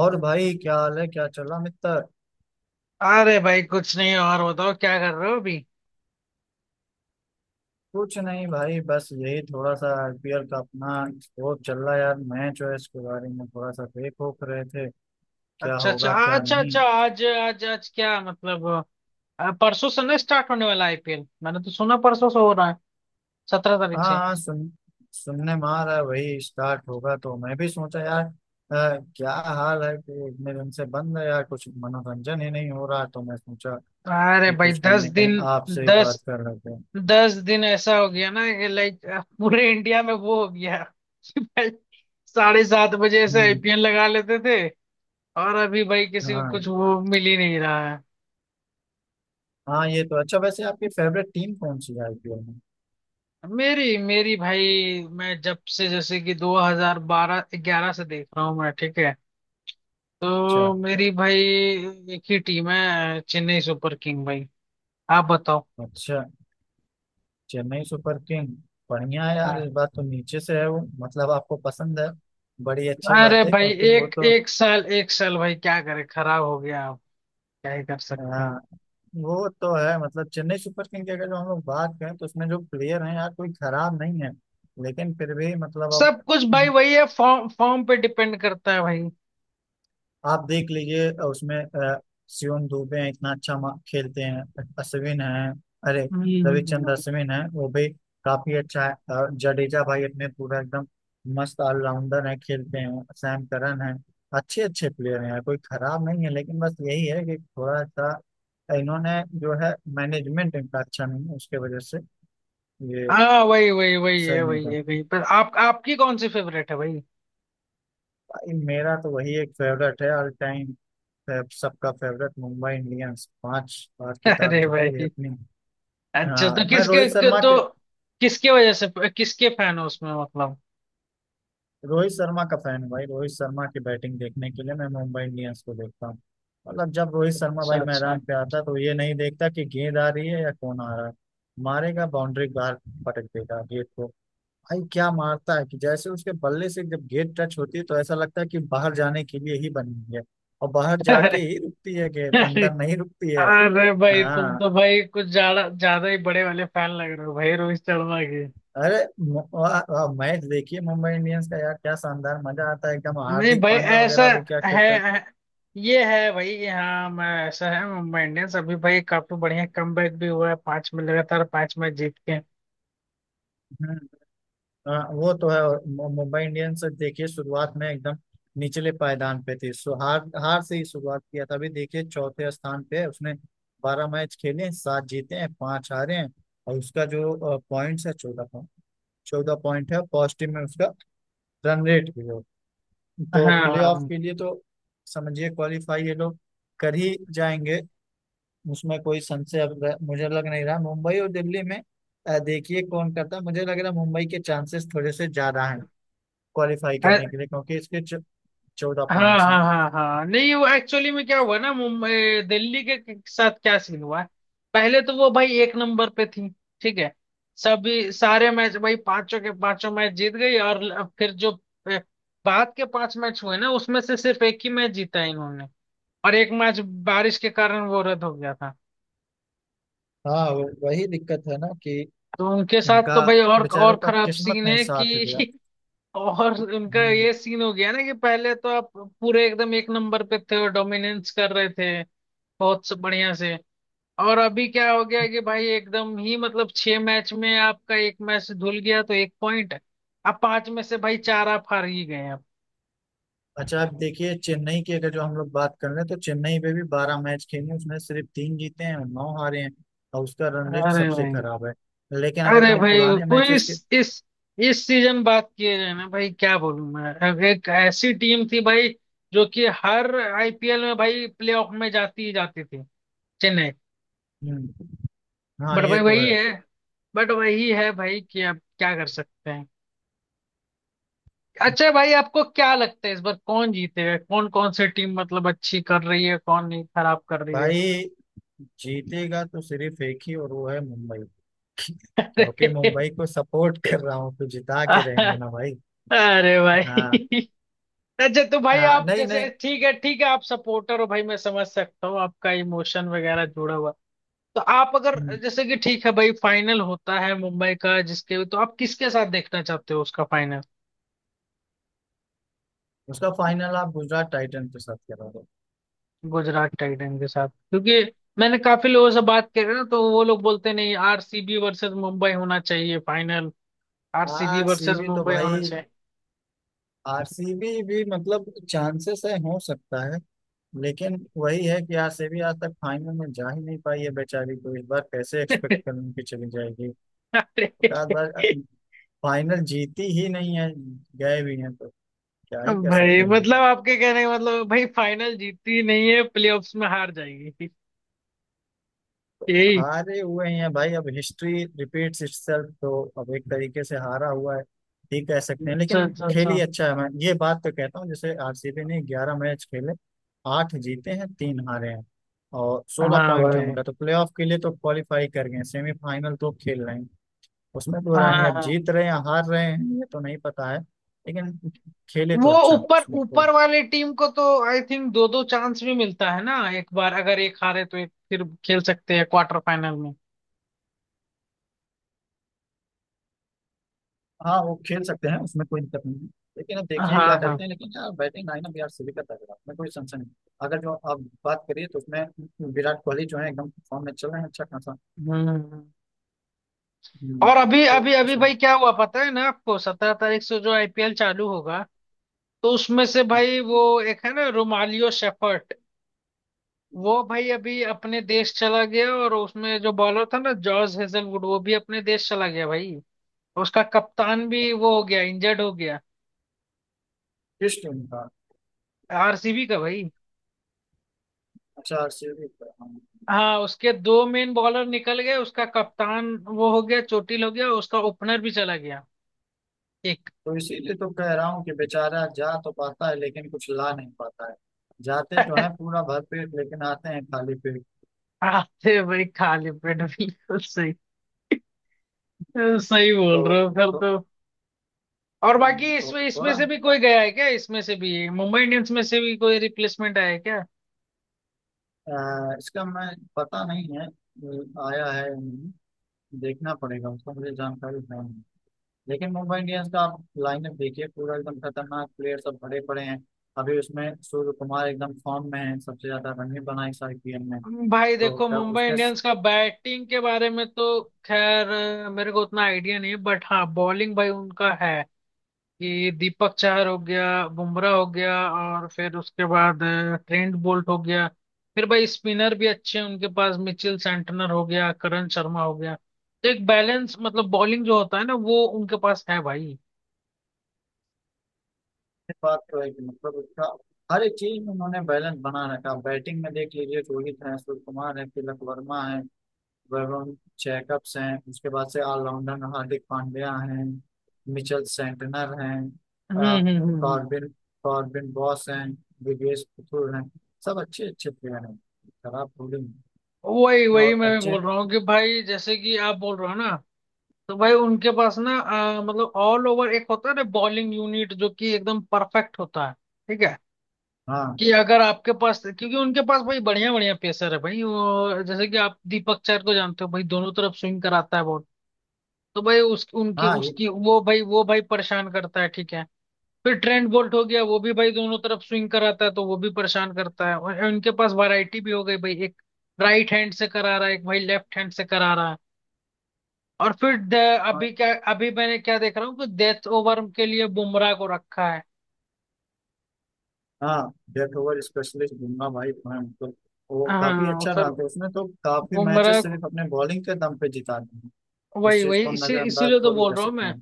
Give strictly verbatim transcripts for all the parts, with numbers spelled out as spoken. और भाई क्या हाल है, क्या चल रहा मित्र? अरे भाई कुछ नहीं। और बताओ क्या कर रहे हो अभी। कुछ नहीं भाई, बस यही थोड़ा सा आईपीएल का अपना वो चल रहा है यार। मैच है, इसके बारे में थोड़ा सा देख ओख रहे थे। क्या अच्छा अच्छा। होगा हाँ, क्या अच्छा नहीं। अच्छा। आज आज आज क्या मतलब अ, परसों से ना स्टार्ट होने वाला आईपीएल। मैंने तो सुना परसों से हो रहा है, सत्रह तारीख हाँ से। हाँ, सुन सुनने में आ रहा है वही स्टार्ट होगा, तो मैं भी सोचा यार अ, क्या हाल है, कि इतने दिन से बंद है यार, कुछ मनोरंजन ही नहीं हो रहा, तो मैं सोचा अरे कि भाई कुछ कहीं दस ना दिन। कहीं आपसे ही दस बात कर लेते हैं। दस दिन ऐसा हो गया ना कि लाइक पूरे इंडिया में वो हो गया कि भाई साढ़े सात बजे ऐसे हम्म। आईपीएल लगा लेते थे, और अभी भाई किसी को हाँ कुछ वो मिल ही नहीं रहा है। हाँ, ये तो अच्छा। वैसे आपकी फेवरेट टीम कौन सी है आईपीएल में? मेरी मेरी भाई, मैं जब से जैसे कि 2012 11 से देख रहा हूँ मैं, ठीक है। तो अच्छा मेरी भाई एक ही टीम है, चेन्नई सुपर किंग भाई। आप बताओ। अच्छा। चेन्नई सुपर किंग, बढ़िया है यार। हाँ। इस बार तो नीचे से है वो, मतलब आपको पसंद है, बड़ी अच्छी अरे बात है। भाई, क्योंकि वो एक तो। एक साल, एक साल भाई क्या करे, खराब हो गया। आप क्या ही कर सकते हैं। हाँ, वो तो है। मतलब चेन्नई सुपर किंग की अगर जो हम लोग बात करें, तो उसमें जो प्लेयर हैं यार, कोई खराब नहीं है। लेकिन फिर भी मतलब, अब सब कुछ भाई वही है, फॉर्म फॉर्म पे डिपेंड करता है भाई। आप देख लीजिए, अ, उसमें अ, सियोन दुबे हैं, इतना अच्छा मा- खेलते हैं। अश्विन हैं, अरे हम्म। हम्म। रविचंद्र हम्म। अश्विन हैं, वो भी काफी अच्छा है। अ, जडेजा भाई अपने पूरा एकदम मस्त ऑलराउंडर है, खेलते हैं। सैम करन है। अच्छे अच्छे प्लेयर हैं, कोई खराब नहीं है। लेकिन बस यही है कि थोड़ा सा इन्होंने जो है मैनेजमेंट इनका अच्छा नहीं है, उसके वजह से ये हाँ वही वही वही है, सही नहीं वही कर है भाई। पर आप, आपकी कौन सी फेवरेट है भाई? पाई। मेरा तो वही एक फेवरेट है ऑल टाइम, फेव- सबका फेवरेट, मुंबई इंडियंस। पांच बार खिताब अरे जीती है भाई, अपनी। अच्छा हाँ, तो मैं किसके रोहित के- शर्मा तो के किसके वजह से, किसके फैन हो उसमें, मतलब? रोहित शर्मा का फैन हूँ भाई। रोहित शर्मा की बैटिंग देखने के लिए मैं मुंबई इंडियंस को देखता हूँ। मतलब जब रोहित शर्मा अच्छा भाई अच्छा। मैदान पे आता है, तो ये नहीं देखता कि गेंद आ रही है या कौन आ रहा है। मारेगा बाउंड्री बाहर, पटक देगा गेंद को। भाई क्या मारता है, कि जैसे उसके बल्ले से जब गेंद टच होती है, तो ऐसा लगता है कि बाहर जाने के लिए ही बनी है। और बाहर जाके अरे ही रुकती है, गेंद अरे अंदर नहीं रुकती है। अरे भाई, तुम हाँ। तो भाई कुछ ज्यादा ज्यादा ही बड़े वाले फैन लग रहे हो भाई रोहित शर्मा के। अरे, मैच देखिए मुंबई इंडियंस का यार, क्या शानदार मजा आता है एकदम। नहीं हार्दिक भाई पांड्या ऐसा वगैरह भी क्या है। खेलते हैं। है- ये है भाई। हाँ, मैं ऐसा है, मुंबई इंडियंस अभी भाई काफी बढ़िया कमबैक भी हुआ है, पांच में लगातार पांच मैच जीत के। हम्म। हाँ, वो तो है। और मु- मुंबई इंडियंस देखिए शुरुआत में एकदम निचले पायदान पे थी, सो हार हार से ही शुरुआत किया था। अभी देखिए चौथे स्थान पे है उसने। बारह मैच खेले हैं, सात जीते हैं, पांच हारे हैं। और उसका जो पॉइंट्स है, चौदह पॉइंट चौदह पॉइंट है, पॉजिटिव में उसका रन रेट भी हो, तो हाँ प्लेऑफ हाँ के लिए तो समझिए क्वालिफाई ये लोग कर ही जाएंगे, उसमें कोई संशय अब र- मुझे लग नहीं रहा। मुंबई और दिल्ली में अ, देखिए कौन करता है। मुझे लग रहा है मुंबई के चांसेस थोड़े से ज्यादा हैं क्वालिफाई हाँ। करने के लिए, क्योंकि इसके चौदह हाँ पॉइंट्स हैं। हाँ हाँ हाँ नहीं, वो एक्चुअली में क्या हुआ ना, मुंबई दिल्ली के के साथ क्या सीन हुआ है, पहले तो वो भाई एक नंबर पे थी, ठीक है। सभी सारे मैच भाई पांचों के पांचों मैच जीत गई। और ल- फिर जो अ, बाद के पांच मैच हुए ना, उसमें से सिर्फ एक ही मैच जीता है इन्होंने। और एक मैच बारिश के कारण वो रद्द हो गया था। हाँ, वो- वही दिक्कत है ना, कि तो उनके साथ इनका तो भाई और और बेचारों का खराब किस्मत सीन नहीं है साथ दिया। कि और उनका हम्म। ये सीन हो गया ना कि पहले तो आप पूरे एकदम एक नंबर पे थे और डोमिनेंस कर रहे थे, बहुत सब बढ़िया से। और अभी क्या हो गया कि भाई एकदम ही, मतलब छह मैच में आपका एक मैच धुल गया तो एक पॉइंट, अब पांच में से भाई चार आप हार ही गए अब। अच्छा, आप देखिए चेन्नई की अगर जो हम लोग बात कर रहे हैं, तो चेन्नई पे भी बारह मैच खेले, उसमें सिर्फ तीन जीते हैं और नौ हारे हैं, और उसका रन रेट अरे सबसे भाई खराब है। लेकिन अगर जो अरे हम भाई, पुराने वो इस मैचेस के। इस इस सीजन बात किए जाए ना भाई, क्या बोलूं मैं, अब एक ऐसी टीम थी भाई जो कि हर आईपीएल में भाई प्लेऑफ में जाती ही जाती थी, चेन्नई। हम्म, हाँ, बट ये भाई तो वही है। है। बट वही है भाई कि अब क्या कर सकते हैं। अच्छा भाई, आपको क्या लगता है इस बार कौन जीतेगा? कौन कौन सी टीम मतलब अच्छी कर रही है, कौन नहीं खराब कर रही है? भाई जीतेगा तो सिर्फ एक ही, और वो है मुंबई, क्योंकि मुंबई को सपोर्ट कर रहा हूँ, तो जिता के अरे, रहेंगे ना भाई। अरे हाँ। भाई अच्छा, तो भाई आ, आप नहीं जैसे, नहीं। ठीक है ठीक है, आप सपोर्टर हो भाई, मैं समझ सकता हूँ आपका इमोशन वगैरह जुड़ा हुआ। तो आप अगर, हम्म। जैसे कि ठीक है भाई, फाइनल होता है मुंबई का, जिसके तो आप किसके साथ देखना चाहते हो उसका फाइनल? उसका फाइनल आप गुजरात टाइटन के साथ करोगे। गुजरात टाइटन के साथ, क्योंकि मैंने काफी लोगों से बात करी ना तो वो लोग बोलते नहीं, आरसीबी वर्सेस मुंबई होना चाहिए फाइनल। आरसीबी वर्सेस आरसीबी तो मुंबई होना भाई, चाहिए। आरसीबी भी मतलब चांसेस है, हो सकता है। लेकिन वही है कि आरसीबी आज तक फाइनल में जा ही नहीं पाई है बेचारी, तो इस बार कैसे एक्सपेक्ट करूँ कि चली जाएगी। अरे हर बार फाइनल जीती ही नहीं है, गए भी हैं तो क्या ही कर भाई, सकते हैं। मतलब आपके कहने का मतलब भाई फाइनल जीतती नहीं है, प्लेऑफ्स में हार जाएगी, यही? हारे हुए ही हैं भाई, अब हिस्ट्री रिपीट्स इटसेल्फ, तो अब एक तरीके से हारा हुआ है ठीक कह सकते हैं। अच्छा लेकिन अच्छा खेल ही अच्छा। अच्छा है, मैं ये बात तो कहता हूँ। जैसे आरसीबी ने ग्यारह मैच खेले, आठ जीते हैं, तीन हारे हैं, और सोलह हाँ पॉइंट है भाई। उनका, तो प्लेऑफ के लिए तो क्वालिफाई कर गए हैं, सेमीफाइनल तो खेल रहे हैं। उसमें तो हाँ रानी हाँ अब हाँ। जीत रहे हैं या हार रहे हैं, ये तो नहीं पता है। लेकिन खेले वो तो अच्छा है, ऊपर उसमें कोई। ऊपर वाली टीम को तो आई थिंक दो दो चांस भी मिलता है ना, एक बार अगर एक हारे तो एक फिर खेल सकते हैं क्वार्टर फाइनल में। हाँ, वो खेल सकते हैं, उसमें कोई दिक्कत नहीं है। लेकिन अब देखिए क्या हाँ हाँ। करते हैं। लेकिन यार बैटिंग लाइनअप यार सभी का तगड़ा है, उसमें कोई संशय नहीं। अगर जो आप बात करिए, तो उसमें विराट कोहली जो है एकदम फॉर्म में चल रहे हैं, अच्छा खासा। हम्म। हम्म, और अभी तो अभी अभी इसमें। भाई क्या हुआ पता है ना आपको, सत्रह तारीख से जो आईपीएल चालू होगा तो उसमें से भाई वो एक है ना, रोमालियो शेफर्ट, वो भाई अभी अपने देश चला गया। और उसमें जो बॉलर था ना, जॉर्ज हेजलवुड, वो भी अपने देश चला गया भाई। उसका कप्तान भी वो हो गया, इंजर्ड हो गया। किस टीम का? आरसीबी का भाई। अच्छा, आरसीबी का। हाँ। हाँ उसके दो मेन बॉलर निकल गए, उसका कप्तान वो हो गया, चोटिल हो गया, उसका ओपनर भी चला गया एक। तो इसीलिए तो कह रहा हूँ, कि बेचारा जा तो पाता है, लेकिन कुछ ला नहीं पाता है। जाते तो है पूरा भरपेट, लेकिन आते हैं खाली पेट। आते भाई खाली पेट भी। सही, सही तो बोल रहे हो फिर तो, तो। और हम्म, बाकी तो इसमें इसमें थोड़ा से भी कोई गया है क्या? इसमें से भी मुंबई इंडियंस में से भी कोई रिप्लेसमेंट आया है क्या? अ, इसका मैं पता नहीं है, अ, आया है देखना पड़ेगा, उसका मुझे जानकारी नहीं है। लेकिन मुंबई इंडियंस का आप लाइनअप देखिए, पूरा एकदम खतरनाक प्लेयर सब भरे पड़े हैं। अभी उसमें सूर्य कुमार एकदम फॉर्म में है, सबसे ज्यादा रन भी बनाए इस आईपीएल में। भाई तो देखो क्या मुंबई उसके स- इंडियंस का बैटिंग के बारे में तो खैर अ, मेरे को उतना आइडिया नहीं है। बट हाँ बॉलिंग भाई उनका है कि दीपक चाहर हो गया, बुमराह हो गया, और फिर उसके बाद अ, ट्रेंट बोल्ट हो गया। फिर भाई स्पिनर भी अच्छे हैं उनके पास, मिचेल सेंटनर हो गया, करण शर्मा हो गया। तो एक बैलेंस मतलब बॉलिंग जो होता है ना वो उनके पास है भाई। बात तो है कि मतलब उसका हर एक चीज में उन्होंने बैलेंस बना रखा। बैटिंग में देख लीजिए, रोहित है, सूर्य कुमार है, तिलक वर्मा है, वरुण जैकब्स हैं। उसके बाद से ऑलराउंडर हार्दिक पांड्या हैं, मिचेल सेंटनर हैं, हम्म अ, हम्म हम्म हम्म। कॉर्बिन कॉर्बिन बॉस हैं, दिवेश पुथुर हैं। सब अच्छे अच्छे प्लेयर हैं। खराब बॉलिंग वही है। वही और मैं भी अच्छे। बोल रहा हूँ कि भाई, जैसे कि आप बोल रहे हो ना, तो भाई उनके पास ना अ, मतलब ऑल ओवर एक होता है ना बॉलिंग यूनिट, जो कि एकदम परफेक्ट होता है ठीक है, हाँ कि अगर आपके पास, क्योंकि उनके पास भाई बढ़िया बढ़िया पेसर है भाई वो, जैसे कि आप दीपक चहर को जानते हो भाई, दोनों तरफ स्विंग कराता है बहुत। तो भाई उस उनके हाँ, ये, उसकी वो भाई वो भाई परेशान करता है ठीक है। फिर ट्रेंट बोल्ट हो गया, वो भी भाई दोनों तरफ स्विंग कराता है तो वो भी परेशान करता है। और इनके पास वैरायटी भी हो गई भाई, एक राइट हैंड से करा रहा है, एक भाई लेफ्ट हैंड से करा रहा है। और फिर द- हाँ अभी क्या, अभी मैंने क्या देख रहा हूँ कि डेथ ओवर के लिए बुमराह को रखा है। हाँ, डेथ ओवर स्पेशलिस्ट बुमराह भाई। हाँ, तो हैं उनको। वो काफी हाँ और अच्छा फिर डालते हैं, उसने तो काफी बुमराह मैचेस को- सिर्फ अपने बॉलिंग के दम पे जिता दिए हैं। इस वही चीज वही को हम इसी नजरअंदाज इसीलिए तो थोड़ी बोल कर रहा हूँ सकते मैं, हैं।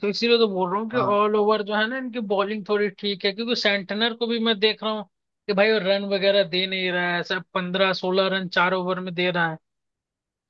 तो इसीलिए तो बोल रहा हूँ कि हाँ ऑल ओवर जो है ना, इनकी बॉलिंग थोड़ी ठीक है क्योंकि सेंटनर को भी मैं देख रहा हूँ कि भाई वो रन वगैरह दे नहीं रहा है, सब पंद्रह सोलह रन चार ओवर में दे रहा है।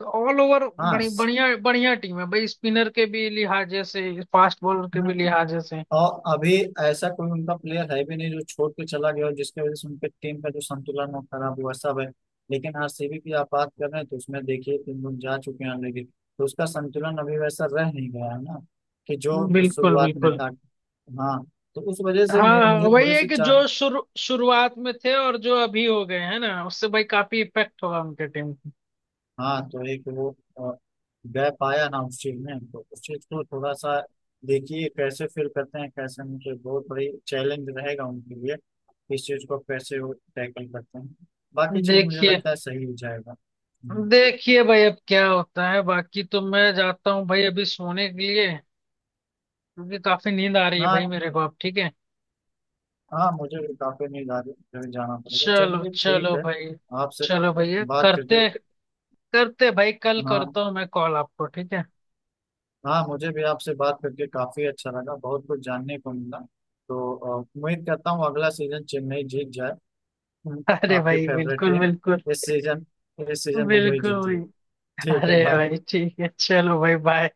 तो ऑल ओवर हाँ। बड़ी बढ़िया बढ़िया टीम है भाई, स्पिनर के भी लिहाजे से, फास्ट बॉलर के भी लिहाजे से। और अभी ऐसा कोई उनका प्लेयर है भी नहीं, जो छोड़ के चला गया हो, जिसकी वजह से उनके टीम का जो संतुलन वो खराब हुआ, सब है। लेकिन आरसीबी की आप बात कर रहे हैं, तो उसमें देखिए तीन लोग जा चुके हैं, लेकिन तो उसका संतुलन अभी वैसा रह नहीं गया है ना, कि जो बिल्कुल शुरुआत में बिल्कुल। था। हाँ, तो उस वजह से हाँ मैं हाँ, मुझे वही थोड़ी है सी कि चा- जो शुरू शुरुआत में थे और जो अभी हो गए हैं ना, उससे भाई काफी इफेक्ट होगा उनके टीम को। हाँ, तो एक वो अ, गैप आया ना उस चीज में, तो उस चीज को थोड़ा सा देखिए कैसे फिल करते हैं कैसे, उनके बहुत बड़ी चैलेंज रहेगा उनके लिए। इस चीज को कैसे वो टैकल करते हैं, बाकी चीज मुझे देखिए, लगता है सही हो जाएगा। हम्म। देखिए भाई अब क्या होता है। बाकी तो मैं जाता हूँ भाई अभी सोने के लिए, क्योंकि काफी नींद आ रही है ना। भाई मेरे को अब, ठीक है। हाँ, मुझे भी काफी नहीं जा रही है, मुझे जाना पड़ेगा। चलो चलिए ठीक चलो है। भाई, आपसे चलो भैया, बात करके। करते करते भाई, कल हाँ। करता हूँ मैं कॉल आपको ठीक है। हाँ, मुझे भी आपसे बात करके काफी अच्छा लगा, बहुत कुछ जानने को मिला। तो अ, उम्मीद करता हूँ अगला सीजन चेन्नई जीत जाए, अरे आपकी भाई फेवरेट बिल्कुल टीम। बिल्कुल। इस सीजन, इस सीजन मुंबई बिल्कुल जीती है। भाई। ठीक है, अरे बाय। भाई ठीक है, चलो भाई, बाय।